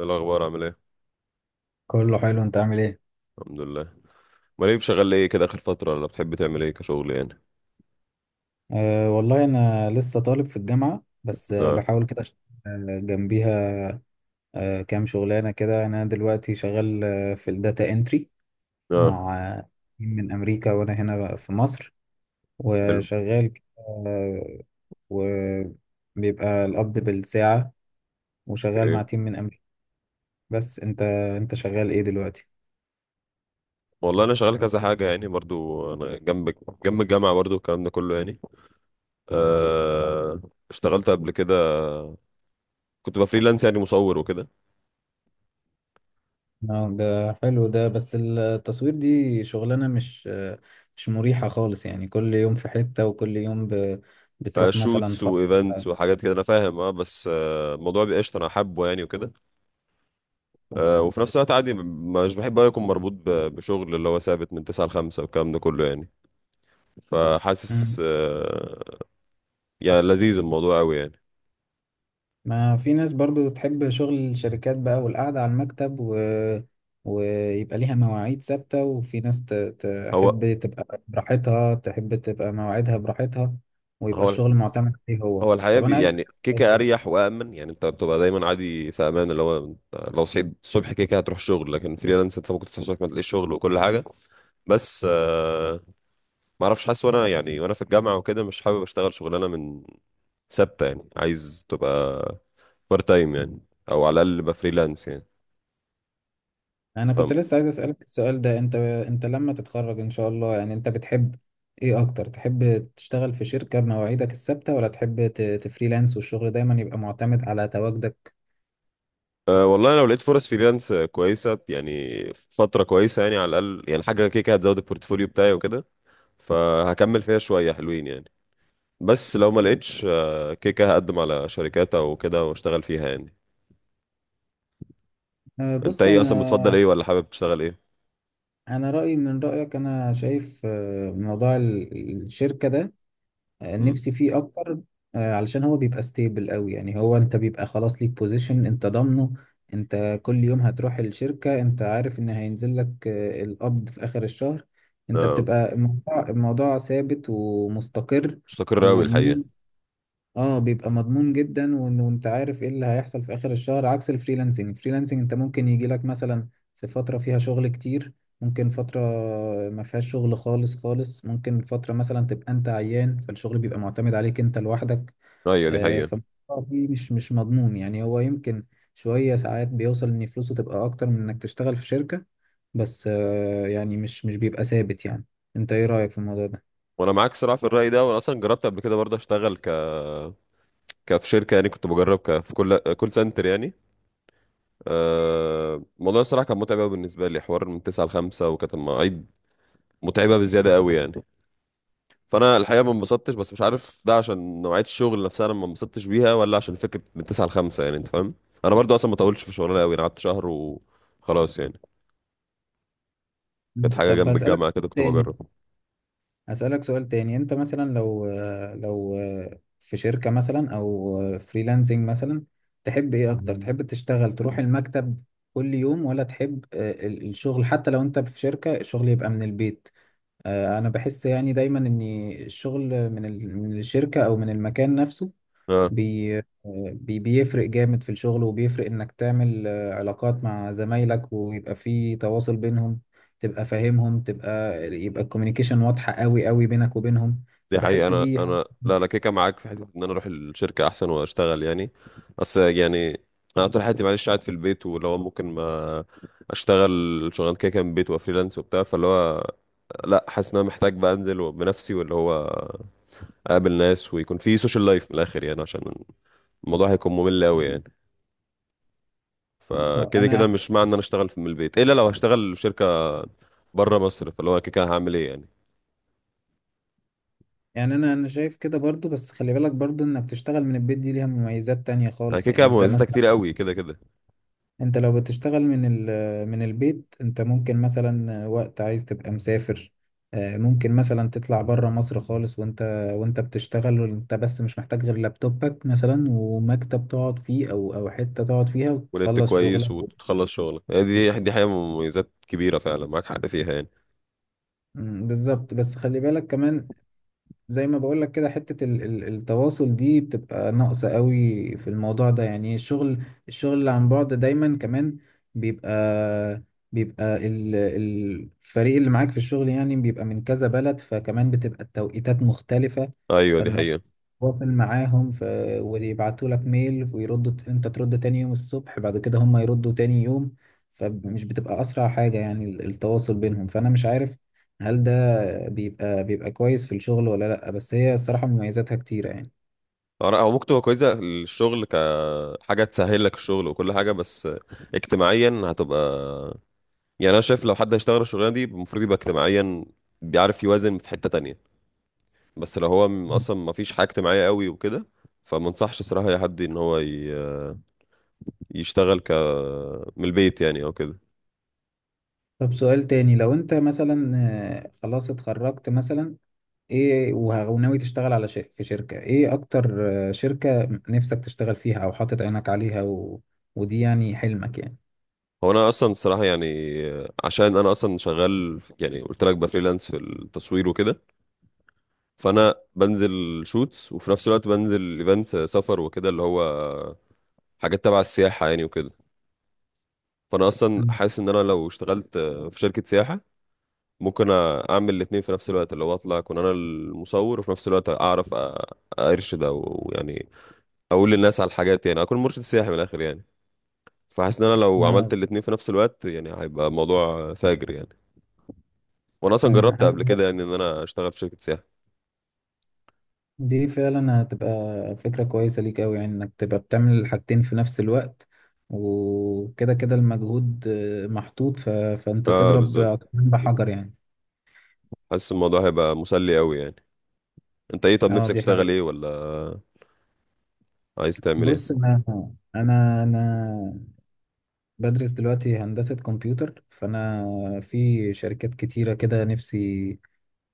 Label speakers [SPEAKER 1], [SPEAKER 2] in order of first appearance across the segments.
[SPEAKER 1] إيه الاخبار عامل ايه؟
[SPEAKER 2] كله حلو، انت عامل ايه؟
[SPEAKER 1] الحمد لله. امال ايه، شغال ايه كده اخر فتره، ولا بتحب تعمل ايه كشغل يعني؟
[SPEAKER 2] أه والله انا لسه طالب في الجامعه، بس
[SPEAKER 1] اه.
[SPEAKER 2] بحاول كده اشتغل جنبيها. أه كام شغلانه كده. انا دلوقتي شغال في الداتا انتري
[SPEAKER 1] اه
[SPEAKER 2] مع تيم من امريكا، وانا هنا بقى في مصر
[SPEAKER 1] حلو.
[SPEAKER 2] وشغال كده. آه، وبيبقى القبض بالساعه، وشغال مع
[SPEAKER 1] اوكي.
[SPEAKER 2] تيم من امريكا. بس انت شغال ايه دلوقتي؟
[SPEAKER 1] والله انا شغال كذا حاجه يعني، برضو انا جنب الجامعه، برضو الكلام ده كله يعني. آه، اشتغلت قبل كده، كنت بفريلانس يعني مصور وكده.
[SPEAKER 2] اه ده حلو، ده بس التصوير دي شغلانة مش مريحة خالص، يعني كل يوم في حتة، وكل يوم
[SPEAKER 1] آه
[SPEAKER 2] بتروح مثلا
[SPEAKER 1] شوتس وايفنتس وحاجات كده، انا فاهم. اه بس الموضوع بيبقى قشطه، انا حابه يعني وكده. آه، وفي نفس الوقت عادي، مش بحب أوي اكون مربوط بشغل اللي هو ثابت من 9 ل 5 والكلام ده كله يعني. فحاسس
[SPEAKER 2] مم.
[SPEAKER 1] آه يعني لذيذ الموضوع قوي يعني.
[SPEAKER 2] ما في ناس برضو تحب شغل الشركات بقى والقعدة على المكتب و ويبقى ليها مواعيد ثابتة، وفي ناس
[SPEAKER 1] هو
[SPEAKER 2] تحب تبقى براحتها، تحب تبقى مواعيدها براحتها ويبقى
[SPEAKER 1] هو
[SPEAKER 2] الشغل معتمد عليه هو.
[SPEAKER 1] هو الحياة
[SPEAKER 2] طب أنا
[SPEAKER 1] بي
[SPEAKER 2] عايز،
[SPEAKER 1] يعني كيكة، أريح وأمن يعني، أنت بتبقى دايما عادي في أمان، اللي هو أنت لو صحيت الصبح كيكة هتروح شغل. لكن فريلانس أنت ممكن تصحى الصبح ما تلاقيش شغل وكل حاجة. بس ما أعرفش، حاسس وأنا يعني وأنا في الجامعة وكده مش حابب أشتغل شغلانة من، ثابتة يعني، عايز تبقى بارت تايم يعني، أو على الأقل يبقى فريلانس يعني.
[SPEAKER 2] انا كنت
[SPEAKER 1] فاهم.
[SPEAKER 2] لسه عايز اسالك السؤال ده. انت لما تتخرج ان شاء الله، يعني انت بتحب ايه اكتر؟ تحب تشتغل في شركه بمواعيدك الثابته، ولا تحب تفريلانس والشغل دايما يبقى معتمد على تواجدك؟
[SPEAKER 1] أه والله لو لقيت فرص فريلانس كويسة يعني، فترة كويسة يعني، على الأقل يعني حاجة كيكة هتزود البورتفوليو بتاعي وكده، فهكمل فيها شوية حلوين يعني. بس لو ما لقيتش، كده كده هقدم على شركات او كده واشتغل فيها يعني. انت
[SPEAKER 2] بص
[SPEAKER 1] ايه اصلا، بتفضل ايه،
[SPEAKER 2] انا،
[SPEAKER 1] ولا حابب تشتغل ايه؟
[SPEAKER 2] انا رايي من رايك. انا شايف موضوع الشركه ده
[SPEAKER 1] امم.
[SPEAKER 2] نفسي فيه اكتر. علشان هو بيبقى ستيبل قوي، يعني هو انت بيبقى خلاص ليك بوزيشن انت ضامنه. انت كل يوم هتروح الشركة، انت عارف ان هينزل لك القبض في اخر الشهر. انت
[SPEAKER 1] اه
[SPEAKER 2] بتبقى الموضوع، الموضوع ثابت ومستقر
[SPEAKER 1] مستقر قوي
[SPEAKER 2] ومضمون.
[SPEAKER 1] الحقيقة.
[SPEAKER 2] اه بيبقى مضمون جدا، وانت عارف ايه اللي هيحصل في اخر الشهر. عكس الفريلانسنج، الفريلانسنج انت ممكن يجي لك مثلا في فترة فيها شغل كتير، ممكن فترة ما فيهاش شغل خالص خالص، ممكن فترة مثلا تبقى انت عيان، فالشغل بيبقى معتمد عليك انت لوحدك.
[SPEAKER 1] ايوه دي
[SPEAKER 2] آه
[SPEAKER 1] حقيقة.
[SPEAKER 2] فالموضوع فيه مش مضمون يعني. هو يمكن شوية ساعات بيوصل ان فلوسه تبقى اكتر من انك تشتغل في شركة، بس آه يعني مش بيبقى ثابت يعني. انت ايه رأيك في الموضوع ده؟
[SPEAKER 1] وانا معاك صراحة في الرأي ده، وانا اصلا جربت قبل كده برضه اشتغل ك كفي شركة يعني، كنت بجرب في كل كول سنتر يعني. الموضوع الصراحة كان متعب قوي بالنسبة لي، حوار من 9 ل 5 وكانت المواعيد متعبة بزيادة قوي يعني. فانا الحقيقه ما انبسطتش، بس مش عارف ده عشان نوعيه الشغل نفسها انا ما انبسطتش بيها، ولا عشان فكره من 9 ل 5 يعني، انت فاهم. انا برضو اصلا ما طولتش في الشغلانه قوي، انا قعدت شهر وخلاص يعني، كانت
[SPEAKER 2] مم.
[SPEAKER 1] حاجه
[SPEAKER 2] طب
[SPEAKER 1] جنب
[SPEAKER 2] هسألك
[SPEAKER 1] الجامعه كده كنت
[SPEAKER 2] تاني،
[SPEAKER 1] بجرب.
[SPEAKER 2] أسألك سؤال تاني. أنت مثلا لو، لو في شركة مثلا أو فريلانسنج مثلا، تحب إيه أكتر؟ مم. تحب تشتغل تروح المكتب كل يوم، ولا تحب الشغل حتى لو أنت في شركة الشغل يبقى من البيت؟ أنا بحس يعني دايما إن الشغل من من الشركة أو من المكان نفسه
[SPEAKER 1] اه
[SPEAKER 2] بي بيفرق جامد في الشغل، وبيفرق انك تعمل علاقات مع زمايلك، ويبقى في تواصل بينهم. تبقى فاهمهم، تبقى يبقى الكوميونيكيشن واضحة قوي بينك وبينهم.
[SPEAKER 1] دي حقيقه.
[SPEAKER 2] فبحس
[SPEAKER 1] انا
[SPEAKER 2] دي
[SPEAKER 1] انا لا، انا كيكه معاك في حته ان انا اروح الشركه احسن واشتغل يعني. بس يعني انا طول حياتي معلش قاعد في البيت، ولو ممكن ما اشتغل شغلانه كيكه من البيت وفريلانس وبتاع، فاللي هو لا، حاسس ان انا محتاج بقى انزل بنفسي، واللي هو اقابل ناس ويكون في سوشيال لايف من الاخر يعني، عشان الموضوع هيكون ممل قوي يعني. فكده كده
[SPEAKER 2] انا
[SPEAKER 1] مش معنى ان انا اشتغل من البيت الا لو هشتغل في شركه بره مصر، فاللي هو كده كده هعمل ايه يعني.
[SPEAKER 2] يعني، انا شايف كده برضو، بس خلي بالك برضو انك تشتغل من البيت دي ليها مميزات تانية
[SPEAKER 1] انا
[SPEAKER 2] خالص.
[SPEAKER 1] كده
[SPEAKER 2] يعني
[SPEAKER 1] كده
[SPEAKER 2] انت
[SPEAKER 1] مميزاتها
[SPEAKER 2] مثلا،
[SPEAKER 1] كتير قوي كده كده.
[SPEAKER 2] انت لو بتشتغل من ال من البيت، انت ممكن مثلا وقت عايز تبقى مسافر، ممكن مثلا تطلع بره مصر خالص وانت، وانت بتشتغل، وانت بس مش محتاج غير لابتوبك مثلا ومكتب تقعد فيه او او حتة تقعد فيها
[SPEAKER 1] ونت
[SPEAKER 2] وتخلص
[SPEAKER 1] كويس
[SPEAKER 2] شغلك.
[SPEAKER 1] وتخلص شغلك يعني، دي حقيقه مميزات كبيره فعلا، معاك حق فيها يعني.
[SPEAKER 2] مم، بالظبط. بس خلي بالك كمان، زي ما بقول لك كده، حتة التواصل دي بتبقى ناقصة قوي في الموضوع ده. يعني الشغل، الشغل اللي عن بعد دايما كمان بيبقى بيبقى الفريق اللي معاك في الشغل يعني بيبقى من كذا بلد، فكمان بتبقى التوقيتات مختلفة.
[SPEAKER 1] ايوه دي
[SPEAKER 2] فانك
[SPEAKER 1] حقيقه.
[SPEAKER 2] تواصل معاهم ويبعتوا لك ميل ويردوا انت ترد تاني يوم الصبح، بعد كده هم يردوا تاني يوم. فمش بتبقى اسرع حاجة يعني التواصل بينهم. فانا مش عارف هل ده بيبقى كويس في الشغل ولا لأ، بس هي الصراحة مميزاتها كتيرة يعني.
[SPEAKER 1] او ممكن تبقى كويسه الشغل كحاجه تسهل لك الشغل وكل حاجه، بس اجتماعيا هتبقى يعني. انا شايف لو حد هيشتغل الشغلانه دي المفروض يبقى اجتماعيا بيعرف يوازن في حته تانية. بس لو هو اصلا ما فيش حاجه اجتماعيه قوي وكده، فما انصحش صراحه اي حد ان هو يشتغل ك، من البيت يعني او كده.
[SPEAKER 2] طب سؤال تاني، لو انت مثلا خلاص اتخرجت مثلا، ايه وناوي تشتغل على شيء في شركة ايه اكتر؟ شركة نفسك تشتغل فيها او حاطط عينك عليها ودي يعني حلمك يعني.
[SPEAKER 1] هو انا اصلا صراحه يعني، عشان انا اصلا شغال يعني قلت لك بفريلانس في التصوير وكده، فانا بنزل شوتس وفي نفس الوقت بنزل ايفنتس سفر وكده، اللي هو حاجات تبع السياحه يعني وكده. فانا اصلا
[SPEAKER 2] مم.
[SPEAKER 1] حاسس ان انا لو اشتغلت في شركه سياحه ممكن اعمل الاثنين في نفس الوقت، اللي هو اطلع اكون انا المصور، وفي نفس الوقت اعرف ارشد او يعني اقول للناس على الحاجات يعني، اكون مرشد سياحي من الاخر يعني. فحاسس ان انا لو
[SPEAKER 2] آه،
[SPEAKER 1] عملت الاتنين في نفس الوقت يعني هيبقى موضوع فاجر يعني. وانا اصلا
[SPEAKER 2] أمم،
[SPEAKER 1] جربت
[SPEAKER 2] حاسس
[SPEAKER 1] قبل كده يعني ان انا اشتغل في شركة سياحة.
[SPEAKER 2] دي فعلا هتبقى فكرة كويسة ليك أوي، يعني إنك تبقى بتعمل الحاجتين في نفس الوقت. وكده كده المجهود محطوط فأنت
[SPEAKER 1] اه
[SPEAKER 2] تضرب
[SPEAKER 1] بالظبط،
[SPEAKER 2] عصفورين بحجر يعني.
[SPEAKER 1] حاسس الموضوع هيبقى مسلي قوي يعني. انت ايه، طب
[SPEAKER 2] اه
[SPEAKER 1] نفسك
[SPEAKER 2] دي
[SPEAKER 1] تشتغل
[SPEAKER 2] حقيقة.
[SPEAKER 1] ايه، ولا عايز تعمل ايه؟
[SPEAKER 2] بص انا، انا بدرس دلوقتي هندسة كمبيوتر، فانا في شركات كتيرة كده نفسي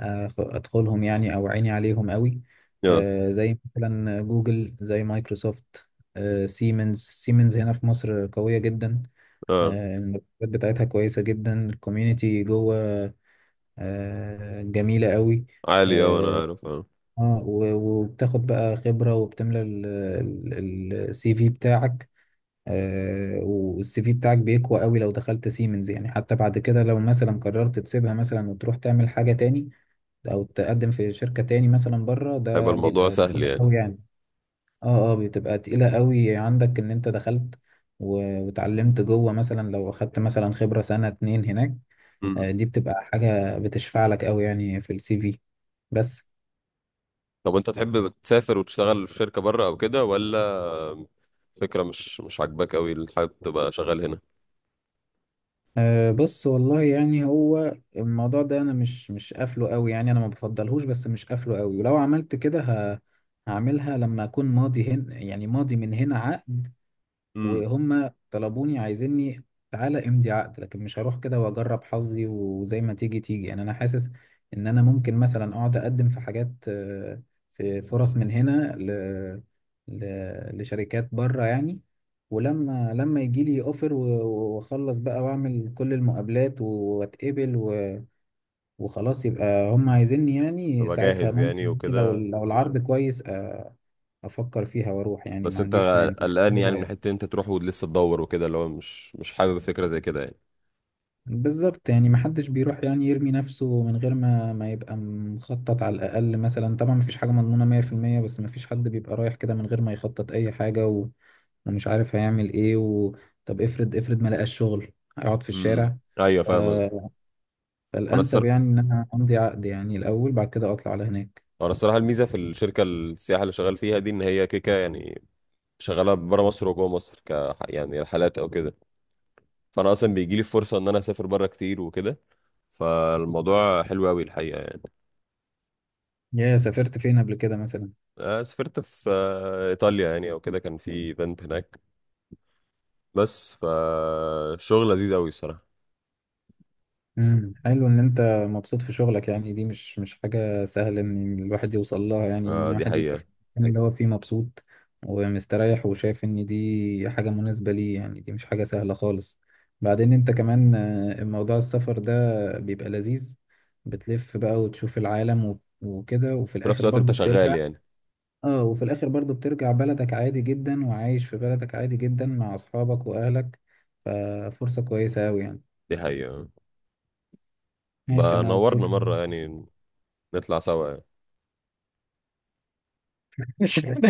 [SPEAKER 2] ادخلهم، يعني او عيني عليهم قوي.
[SPEAKER 1] اه.
[SPEAKER 2] زي مثلا جوجل، زي مايكروسوفت، سيمنز. سيمنز هنا في مصر قوية جدا،
[SPEAKER 1] اه
[SPEAKER 2] المرتبات بتاعتها كويسة جدا، الكوميونتي جوه جميلة قوي.
[SPEAKER 1] عالي، اه انا
[SPEAKER 2] اه
[SPEAKER 1] عارف اه.
[SPEAKER 2] وبتاخد بقى خبرة، وبتملى السي في بتاعك. والسي في بتاعك بيقوى قوي لو دخلت سيمنز، يعني حتى بعد كده لو مثلا قررت تسيبها مثلا وتروح تعمل حاجة تاني، او تقدم في شركة تاني مثلا بره،
[SPEAKER 1] هيبقى
[SPEAKER 2] ده
[SPEAKER 1] الموضوع
[SPEAKER 2] بيبقى
[SPEAKER 1] سهل
[SPEAKER 2] تقيل
[SPEAKER 1] يعني.
[SPEAKER 2] قوي يعني. اه اه، بتبقى تقيلة قوي عندك ان انت دخلت واتعلمت جوه، مثلا لو اخدت مثلا خبرة سنة اتنين هناك،
[SPEAKER 1] مم.
[SPEAKER 2] دي بتبقى حاجة بتشفع لك قوي يعني في السي في. بس
[SPEAKER 1] طب انت تحب تسافر وتشتغل في شركة بره او كده، ولا فكرة مش مش عاجباك قوي، اللي حابب تبقى شغال هنا؟
[SPEAKER 2] أه بص، والله يعني هو الموضوع ده انا مش قافله قوي يعني، انا ما بفضلهوش بس مش قافله قوي. ولو عملت كده هعملها لما اكون ماضي هن، يعني ماضي من هنا عقد
[SPEAKER 1] امم.
[SPEAKER 2] وهم طلبوني عايزيني، تعالى امضي عقد. لكن مش هروح كده واجرب حظي وزي ما تيجي تيجي. يعني انا حاسس ان انا ممكن مثلا اقعد اقدم في حاجات، في فرص من هنا ل... لشركات بره يعني. ولما يجي لي اوفر واخلص بقى واعمل كل المقابلات واتقبل وخلاص يبقى هم عايزيني، يعني
[SPEAKER 1] تبقى
[SPEAKER 2] ساعتها
[SPEAKER 1] جاهز يعني
[SPEAKER 2] ممكن لو
[SPEAKER 1] وكده.
[SPEAKER 2] لو العرض كويس افكر فيها واروح يعني،
[SPEAKER 1] بس
[SPEAKER 2] ما
[SPEAKER 1] انت
[SPEAKER 2] عنديش مانع.
[SPEAKER 1] قلقان
[SPEAKER 2] إيه
[SPEAKER 1] يعني من
[SPEAKER 2] رأيك؟
[SPEAKER 1] حته انت تروح ولسه تدور وكده، اللي هو مش مش حابب فكره زي كده يعني.
[SPEAKER 2] بالظبط، يعني محدش بيروح يعني يرمي نفسه من غير ما يبقى مخطط على الأقل. مثلا طبعا مفيش حاجة مضمونة مية في المية، بس مفيش حد بيبقى رايح كده من غير ما يخطط أي حاجة ومش عارف هيعمل إيه طب افرض، افرض ما لقاش شغل، هيقعد في
[SPEAKER 1] امم،
[SPEAKER 2] الشارع؟
[SPEAKER 1] ايوه
[SPEAKER 2] ف...
[SPEAKER 1] فاهم قصدك. انا
[SPEAKER 2] فالأنسب
[SPEAKER 1] الصراحه،
[SPEAKER 2] يعني إن أنا أمضي عقد يعني الأول، بعد كده أطلع على هناك.
[SPEAKER 1] انا الصراحه الميزه في الشركه السياحه اللي شغال فيها دي ان هي كيكه يعني، شغاله بره مصر وجوه مصر ك، يعني رحلات او كده. فانا اصلا بيجي لي فرصه ان انا اسافر بره كتير وكده، فالموضوع حلو قوي الحقيقه يعني.
[SPEAKER 2] يا سافرت فين قبل كده مثلا؟
[SPEAKER 1] سافرت في ايطاليا يعني او كده، كان في ايفنت هناك. بس فالشغل لذيذ قوي الصراحه.
[SPEAKER 2] حلو ان انت مبسوط في شغلك، يعني دي مش حاجة سهلة ان الواحد يوصل لها. يعني ان
[SPEAKER 1] آه، دي
[SPEAKER 2] الواحد يبقى
[SPEAKER 1] حقيقه.
[SPEAKER 2] في المكان اللي هو فيه مبسوط ومستريح، وشايف ان دي حاجة مناسبة ليه، يعني دي مش حاجة سهلة خالص. بعدين انت كمان موضوع السفر ده بيبقى لذيذ، بتلف بقى وتشوف العالم وكده، وفي
[SPEAKER 1] في نفس
[SPEAKER 2] الاخر
[SPEAKER 1] الوقت انت
[SPEAKER 2] برضو بترجع.
[SPEAKER 1] شغال يعني.
[SPEAKER 2] اه وفي الاخر برضو بترجع بلدك عادي جدا، وعايش في بلدك عادي جدا مع اصحابك واهلك. ففرصة كويسة اوي يعني.
[SPEAKER 1] دي حقيقه.
[SPEAKER 2] ماشي،
[SPEAKER 1] بقى
[SPEAKER 2] انا مبسوط.
[SPEAKER 1] نورنا مرة يعني، نطلع سوا يعني.
[SPEAKER 2] مش